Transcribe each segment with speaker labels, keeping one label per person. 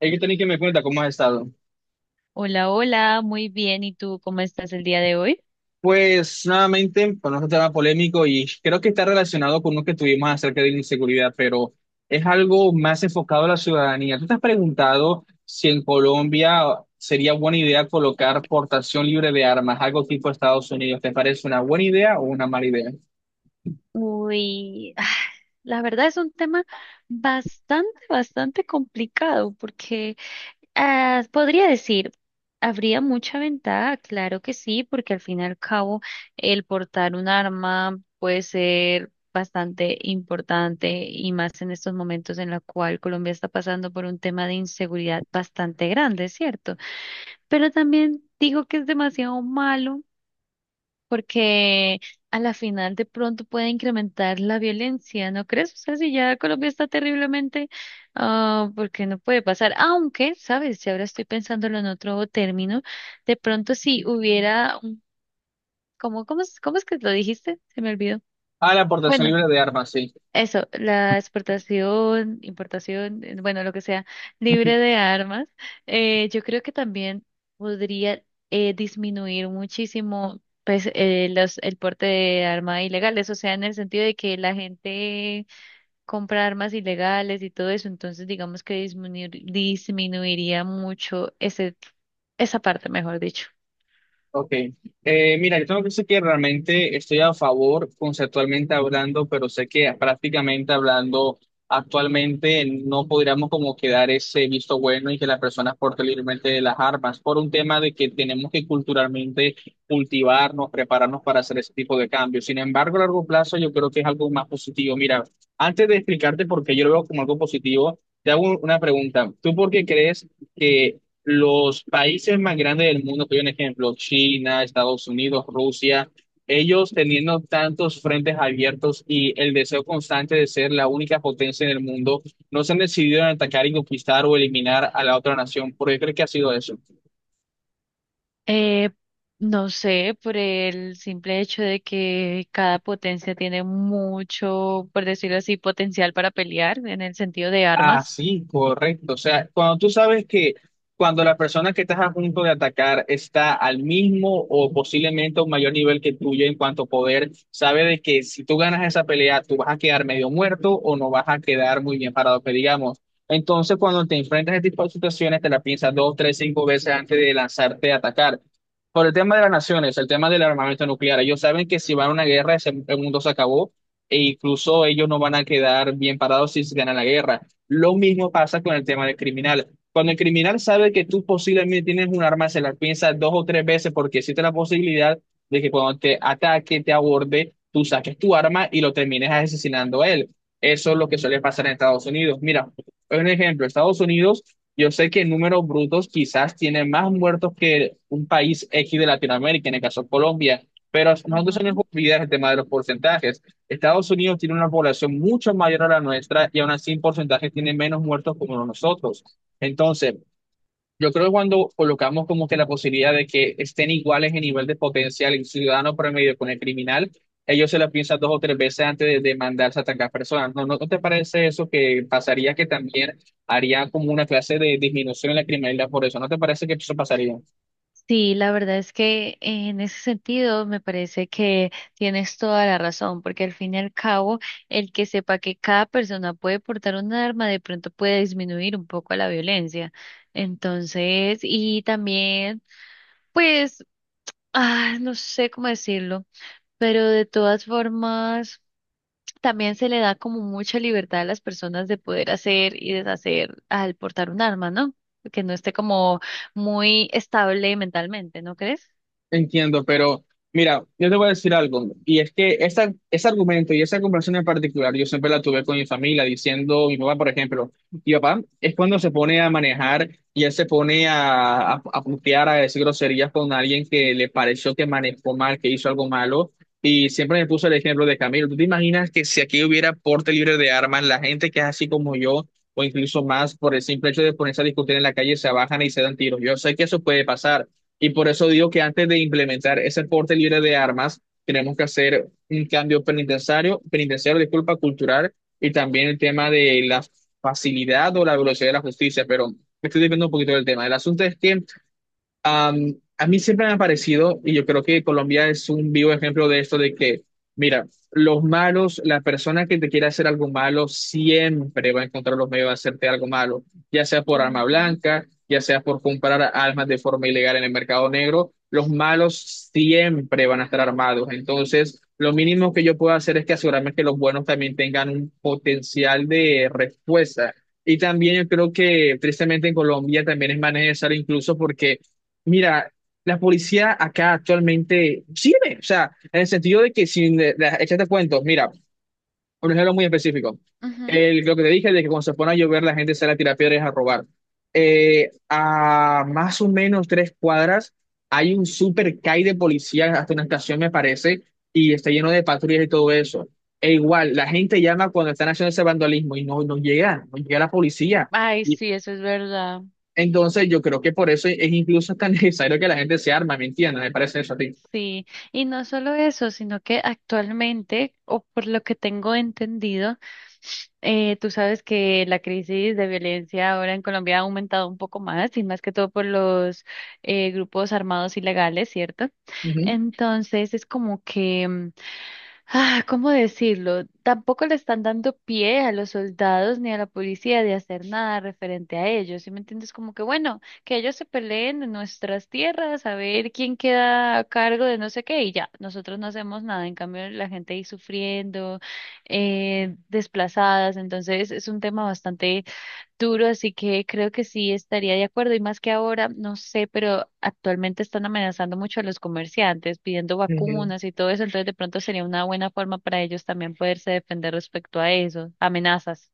Speaker 1: Hay que tener que me cuenta cómo has estado.
Speaker 2: Hola, hola, muy bien. ¿Y tú cómo estás el día de hoy?
Speaker 1: Pues nuevamente, con otro tema polémico y creo que está relacionado con lo que tuvimos acerca de la inseguridad, pero es algo más enfocado a la ciudadanía. ¿Tú te has preguntado si en Colombia sería buena idea colocar portación libre de armas, algo tipo Estados Unidos? ¿Te parece una buena idea o una mala idea?
Speaker 2: Uy, ah, la verdad es un tema bastante complicado porque podría decir, habría mucha ventaja, claro que sí, porque al fin y al cabo el portar un arma puede ser bastante importante y más en estos momentos en la cual Colombia está pasando por un tema de inseguridad bastante grande, ¿cierto? Pero también digo que es demasiado malo porque a la final de pronto puede incrementar la violencia, ¿no crees? O sea, si ya Colombia está terriblemente, porque no puede pasar, aunque, ¿sabes? Si ahora estoy pensándolo en otro término, de pronto si hubiera, ¿cómo, cómo es que lo dijiste? Se me olvidó.
Speaker 1: Ah, la portación
Speaker 2: Bueno.
Speaker 1: libre de armas, sí.
Speaker 2: Eso, la exportación, importación, bueno, lo que sea, libre de armas, yo creo que también podría disminuir muchísimo pues, el porte de armas ilegales, o sea, en el sentido de que la gente compra armas ilegales y todo eso, entonces digamos que disminuiría mucho ese, esa parte, mejor dicho.
Speaker 1: Ok. Mira, yo tengo que decir que realmente estoy a favor conceptualmente hablando, pero sé que prácticamente hablando actualmente no podríamos como quedar ese visto bueno y que las personas porten libremente las armas por un tema de que tenemos que culturalmente cultivarnos, prepararnos para hacer ese tipo de cambios. Sin embargo, a largo plazo yo creo que es algo más positivo. Mira, antes de explicarte por qué yo lo veo como algo positivo, te hago una pregunta. ¿Tú por qué crees que los países más grandes del mundo, que hay un ejemplo, China, Estados Unidos, Rusia, ellos teniendo tantos frentes abiertos y el deseo constante de ser la única potencia en el mundo, no se han decidido en atacar y conquistar o eliminar a la otra nación? ¿Por qué creo que ha sido eso?
Speaker 2: Eh, no sé, por el simple hecho de que cada potencia tiene mucho, por decirlo así, potencial para pelear en el sentido de armas.
Speaker 1: Así, correcto. O sea, cuando tú sabes que cuando la persona que estás a punto de atacar está al mismo o posiblemente a un mayor nivel que tuyo en cuanto a poder, sabe de que si tú ganas esa pelea, tú vas a quedar medio muerto o no vas a quedar muy bien parado, que digamos. Entonces, cuando te enfrentas a este tipo de situaciones, te la piensas dos, tres, cinco veces antes de lanzarte a atacar. Por el tema de las naciones, el tema del armamento nuclear, ellos saben que si van a una guerra, el mundo se acabó e incluso ellos no van a quedar bien parados si se gana la guerra. Lo mismo pasa con el tema del criminal. Cuando el criminal sabe que tú posiblemente tienes un arma, se la piensa dos o tres veces porque existe la posibilidad de que cuando te ataque, te aborde, tú saques tu arma y lo termines asesinando a él. Eso es lo que suele pasar en Estados Unidos. Mira, un ejemplo, Estados Unidos, yo sé que en números brutos quizás tiene más muertos que un país X de Latinoamérica, en el caso de Colombia, pero nosotros se nos olvida el tema de los porcentajes. Estados Unidos tiene una población mucho mayor a la nuestra y aún así en porcentaje tiene menos muertos como nosotros. Entonces, yo creo que cuando colocamos como que la posibilidad de que estén iguales en nivel de potencial el ciudadano promedio con el criminal, ellos se la piensan dos o tres veces antes de mandarse a atacar personas. ¿No te parece eso que pasaría que también haría como una clase de disminución en la criminalidad por eso? ¿No te parece que eso pasaría?
Speaker 2: Sí, la verdad es que en ese sentido me parece que tienes toda la razón, porque al fin y al cabo, el que sepa que cada persona puede portar un arma de pronto puede disminuir un poco la violencia. Entonces, y también, pues, no sé cómo decirlo, pero de todas formas, también se le da como mucha libertad a las personas de poder hacer y deshacer al portar un arma, ¿no? Que no esté como muy estable mentalmente, ¿no crees?
Speaker 1: Entiendo, pero mira, yo te voy a decir algo, y es que ese argumento y esa conversación en particular, yo siempre la tuve con mi familia, diciendo, mi papá, por ejemplo, mi papá es cuando se pone a manejar y él se pone a putear, a decir groserías con alguien que le pareció que manejó mal, que hizo algo malo, y siempre me puso el ejemplo de Camilo. ¿Tú te imaginas que si aquí hubiera porte libre de armas, la gente que es así como yo, o incluso más, por el simple hecho de ponerse a discutir en la calle, se bajan y se dan tiros? Yo sé que eso puede pasar. Y por eso digo que antes de implementar ese porte libre de armas, tenemos que hacer un cambio cultural, y también el tema de la facilidad o la velocidad de la justicia. Pero me estoy desviando un poquito del tema. El asunto es que a mí siempre me ha parecido, y yo creo que Colombia es un vivo ejemplo de esto, de que, mira, los malos, la persona que te quiere hacer algo malo, siempre va a encontrar los medios de hacerte algo malo, ya sea por arma
Speaker 2: Ujú,
Speaker 1: blanca, ya sea por comprar armas de forma ilegal en el mercado negro, los malos siempre van a estar armados. Entonces, lo mínimo que yo puedo hacer es que asegurarme que los buenos también tengan un potencial de respuesta. Y también yo creo que tristemente en Colombia también es más necesario incluso porque mira, la policía acá actualmente sirve, o sea, en el sentido de que sin echarte cuentos, mira, un ejemplo muy específico.
Speaker 2: ujú.
Speaker 1: El, lo que te dije de que cuando se pone a llover la gente sale a tirar piedras a robar. A más o menos tres cuadras hay un super CAI de policía, hasta una estación me parece, y está lleno de patrullas y todo eso. E igual, la gente llama cuando están haciendo ese vandalismo y no llega, no llega la policía.
Speaker 2: Ay, sí, eso es verdad.
Speaker 1: Entonces, yo creo que por eso es incluso tan necesario que la gente se arma, ¿me entiendes? Me parece eso a ti.
Speaker 2: Sí, y no solo eso, sino que actualmente, o por lo que tengo entendido, tú sabes que la crisis de violencia ahora en Colombia ha aumentado un poco más, y más que todo por los grupos armados ilegales, ¿cierto?
Speaker 1: Ujú,
Speaker 2: Entonces, es como que ah, ¿cómo decirlo? Tampoco le están dando pie a los soldados ni a la policía de hacer nada referente a ellos. ¿Sí me entiendes? Como que bueno, que ellos se peleen en nuestras tierras, a ver quién queda a cargo de no sé qué y ya, nosotros no hacemos nada. En cambio, la gente ahí sufriendo, desplazadas. Entonces, es un tema bastante duro, así que creo que sí estaría de acuerdo. Y más que ahora, no sé, pero actualmente están amenazando mucho a los comerciantes, pidiendo
Speaker 1: ujú.
Speaker 2: vacunas y todo eso, entonces de pronto sería una buena forma para ellos también poderse defender respecto a eso, amenazas.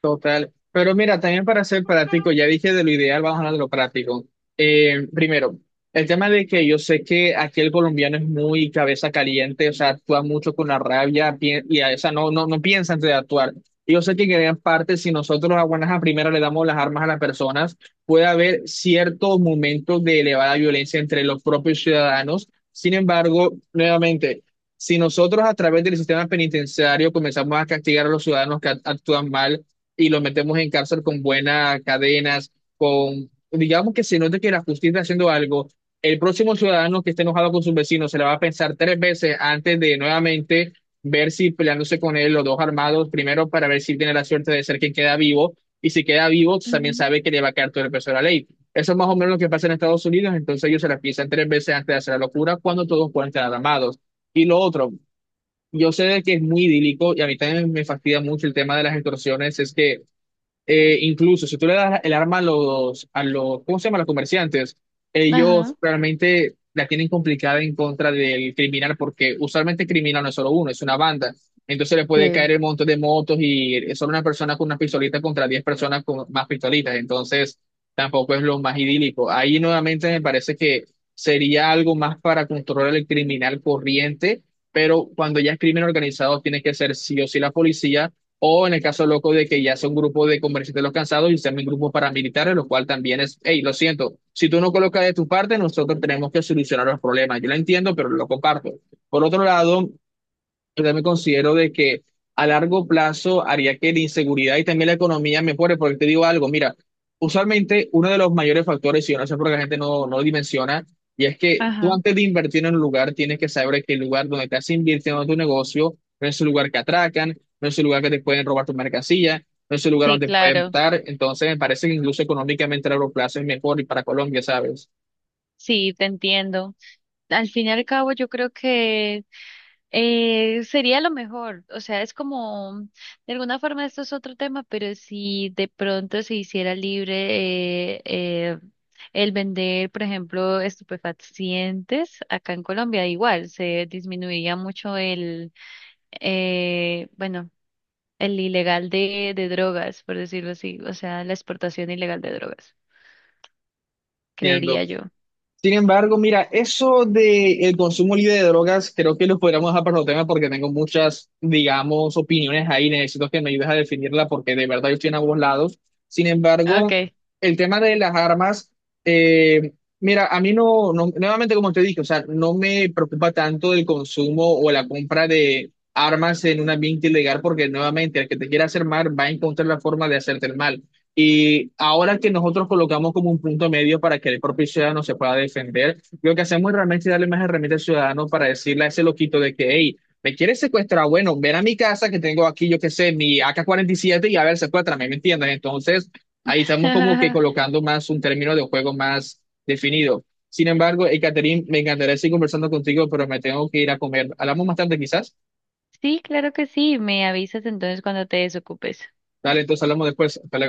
Speaker 1: Total. Pero mira, también para ser práctico, ya dije de lo ideal, vamos a hablar de lo práctico. Primero, el tema de que yo sé que aquí el colombiano es muy cabeza caliente, o sea, actúa mucho con la rabia y a esa no piensa antes de actuar. Y yo sé que en gran parte, si nosotros a buenas a primeras le damos las armas a las personas, puede haber ciertos momentos de elevada violencia entre los propios ciudadanos. Sin embargo, nuevamente, si nosotros a través del sistema penitenciario comenzamos a castigar a los ciudadanos que actúan mal, y los metemos en cárcel con buenas cadenas, con, digamos que se note que la justicia está haciendo algo, el próximo ciudadano que esté enojado con sus vecinos se la va a pensar tres veces antes de nuevamente ver si peleándose con él los dos armados, primero para ver si tiene la suerte de ser quien queda vivo, y si queda vivo también
Speaker 2: Ujú.
Speaker 1: sabe que le va a quedar todo el peso de la ley. Eso es más o menos lo que pasa en Estados Unidos, entonces ellos se la piensan tres veces antes de hacer la locura cuando todos pueden estar armados. Y lo otro, yo sé de que es muy idílico y a mí también me fastidia mucho el tema de las extorsiones, es que incluso si tú le das el arma a los, ¿cómo se llama? A los comerciantes,
Speaker 2: Ajá.
Speaker 1: ellos realmente la tienen complicada en contra del criminal, porque usualmente el criminal no es solo uno, es una banda. Entonces le puede caer
Speaker 2: Sí.
Speaker 1: el montón de motos y es solo una persona con una pistolita contra 10 personas con más pistolitas. Entonces tampoco es lo más idílico. Ahí nuevamente me parece que sería algo más para controlar el criminal corriente, pero cuando ya es crimen organizado, tiene que ser sí o sí la policía o en el caso loco de que ya sea un grupo de comerciantes los cansados y sean mis grupos paramilitares, lo cual también es, hey, lo siento, si tú no colocas de tu parte, nosotros tenemos que solucionar los problemas. Yo lo entiendo, pero lo comparto. Por otro lado, yo también considero de que a largo plazo haría que la inseguridad y también la economía mejore, porque te digo algo, mira, usualmente uno de los mayores factores, y yo no sé por qué la gente no lo dimensiona, y es que tú
Speaker 2: Ajá,
Speaker 1: antes de invertir en un lugar tienes que saber que el lugar donde estás invirtiendo tu negocio no es un lugar que atracan, no es un lugar que te pueden robar tu mercancía, no es un lugar
Speaker 2: sí,
Speaker 1: donde te pueden
Speaker 2: claro,
Speaker 1: matar, entonces me parece que incluso económicamente a largo plazo es mejor y para Colombia, ¿sabes?
Speaker 2: sí, te entiendo. Al fin y al cabo, yo creo que sería lo mejor, o sea, es como, de alguna forma esto es otro tema, pero si de pronto se hiciera libre el vender, por ejemplo, estupefacientes acá en Colombia, igual se disminuiría mucho el, bueno, el ilegal de drogas, por decirlo así, o sea, la exportación ilegal de drogas,
Speaker 1: Entiendo.
Speaker 2: creería yo.
Speaker 1: Sin embargo, mira, eso de el consumo libre de drogas, creo que lo podríamos dejar para otro tema porque tengo muchas, digamos, opiniones ahí. Necesito que me ayudes a definirla porque de verdad yo estoy en ambos lados. Sin embargo,
Speaker 2: Okay.
Speaker 1: el tema de las armas, eh, mira, a mí no, no, nuevamente como te dije, o sea, no me preocupa tanto el consumo o la compra de armas en un ambiente ilegal porque nuevamente el que te quiera hacer mal va a encontrar la forma de hacerte el mal. Y ahora que nosotros colocamos como un punto medio para que el propio ciudadano se pueda defender, lo que hacemos realmente es darle más herramientas al ciudadano para decirle a ese loquito de que, hey, me quieres secuestrar, bueno, ven a mi casa que tengo aquí, yo qué sé, mi AK-47 y a ver, secuéstrame, ¿me entiendes? Entonces, ahí estamos como que colocando más un término de juego más definido. Sin embargo, Catherine, me encantaría seguir conversando contigo, pero me tengo que ir a comer. Hablamos más tarde quizás.
Speaker 2: Sí, claro que sí, me avisas entonces cuando te desocupes.
Speaker 1: Dale, entonces hablamos después. Hasta luego.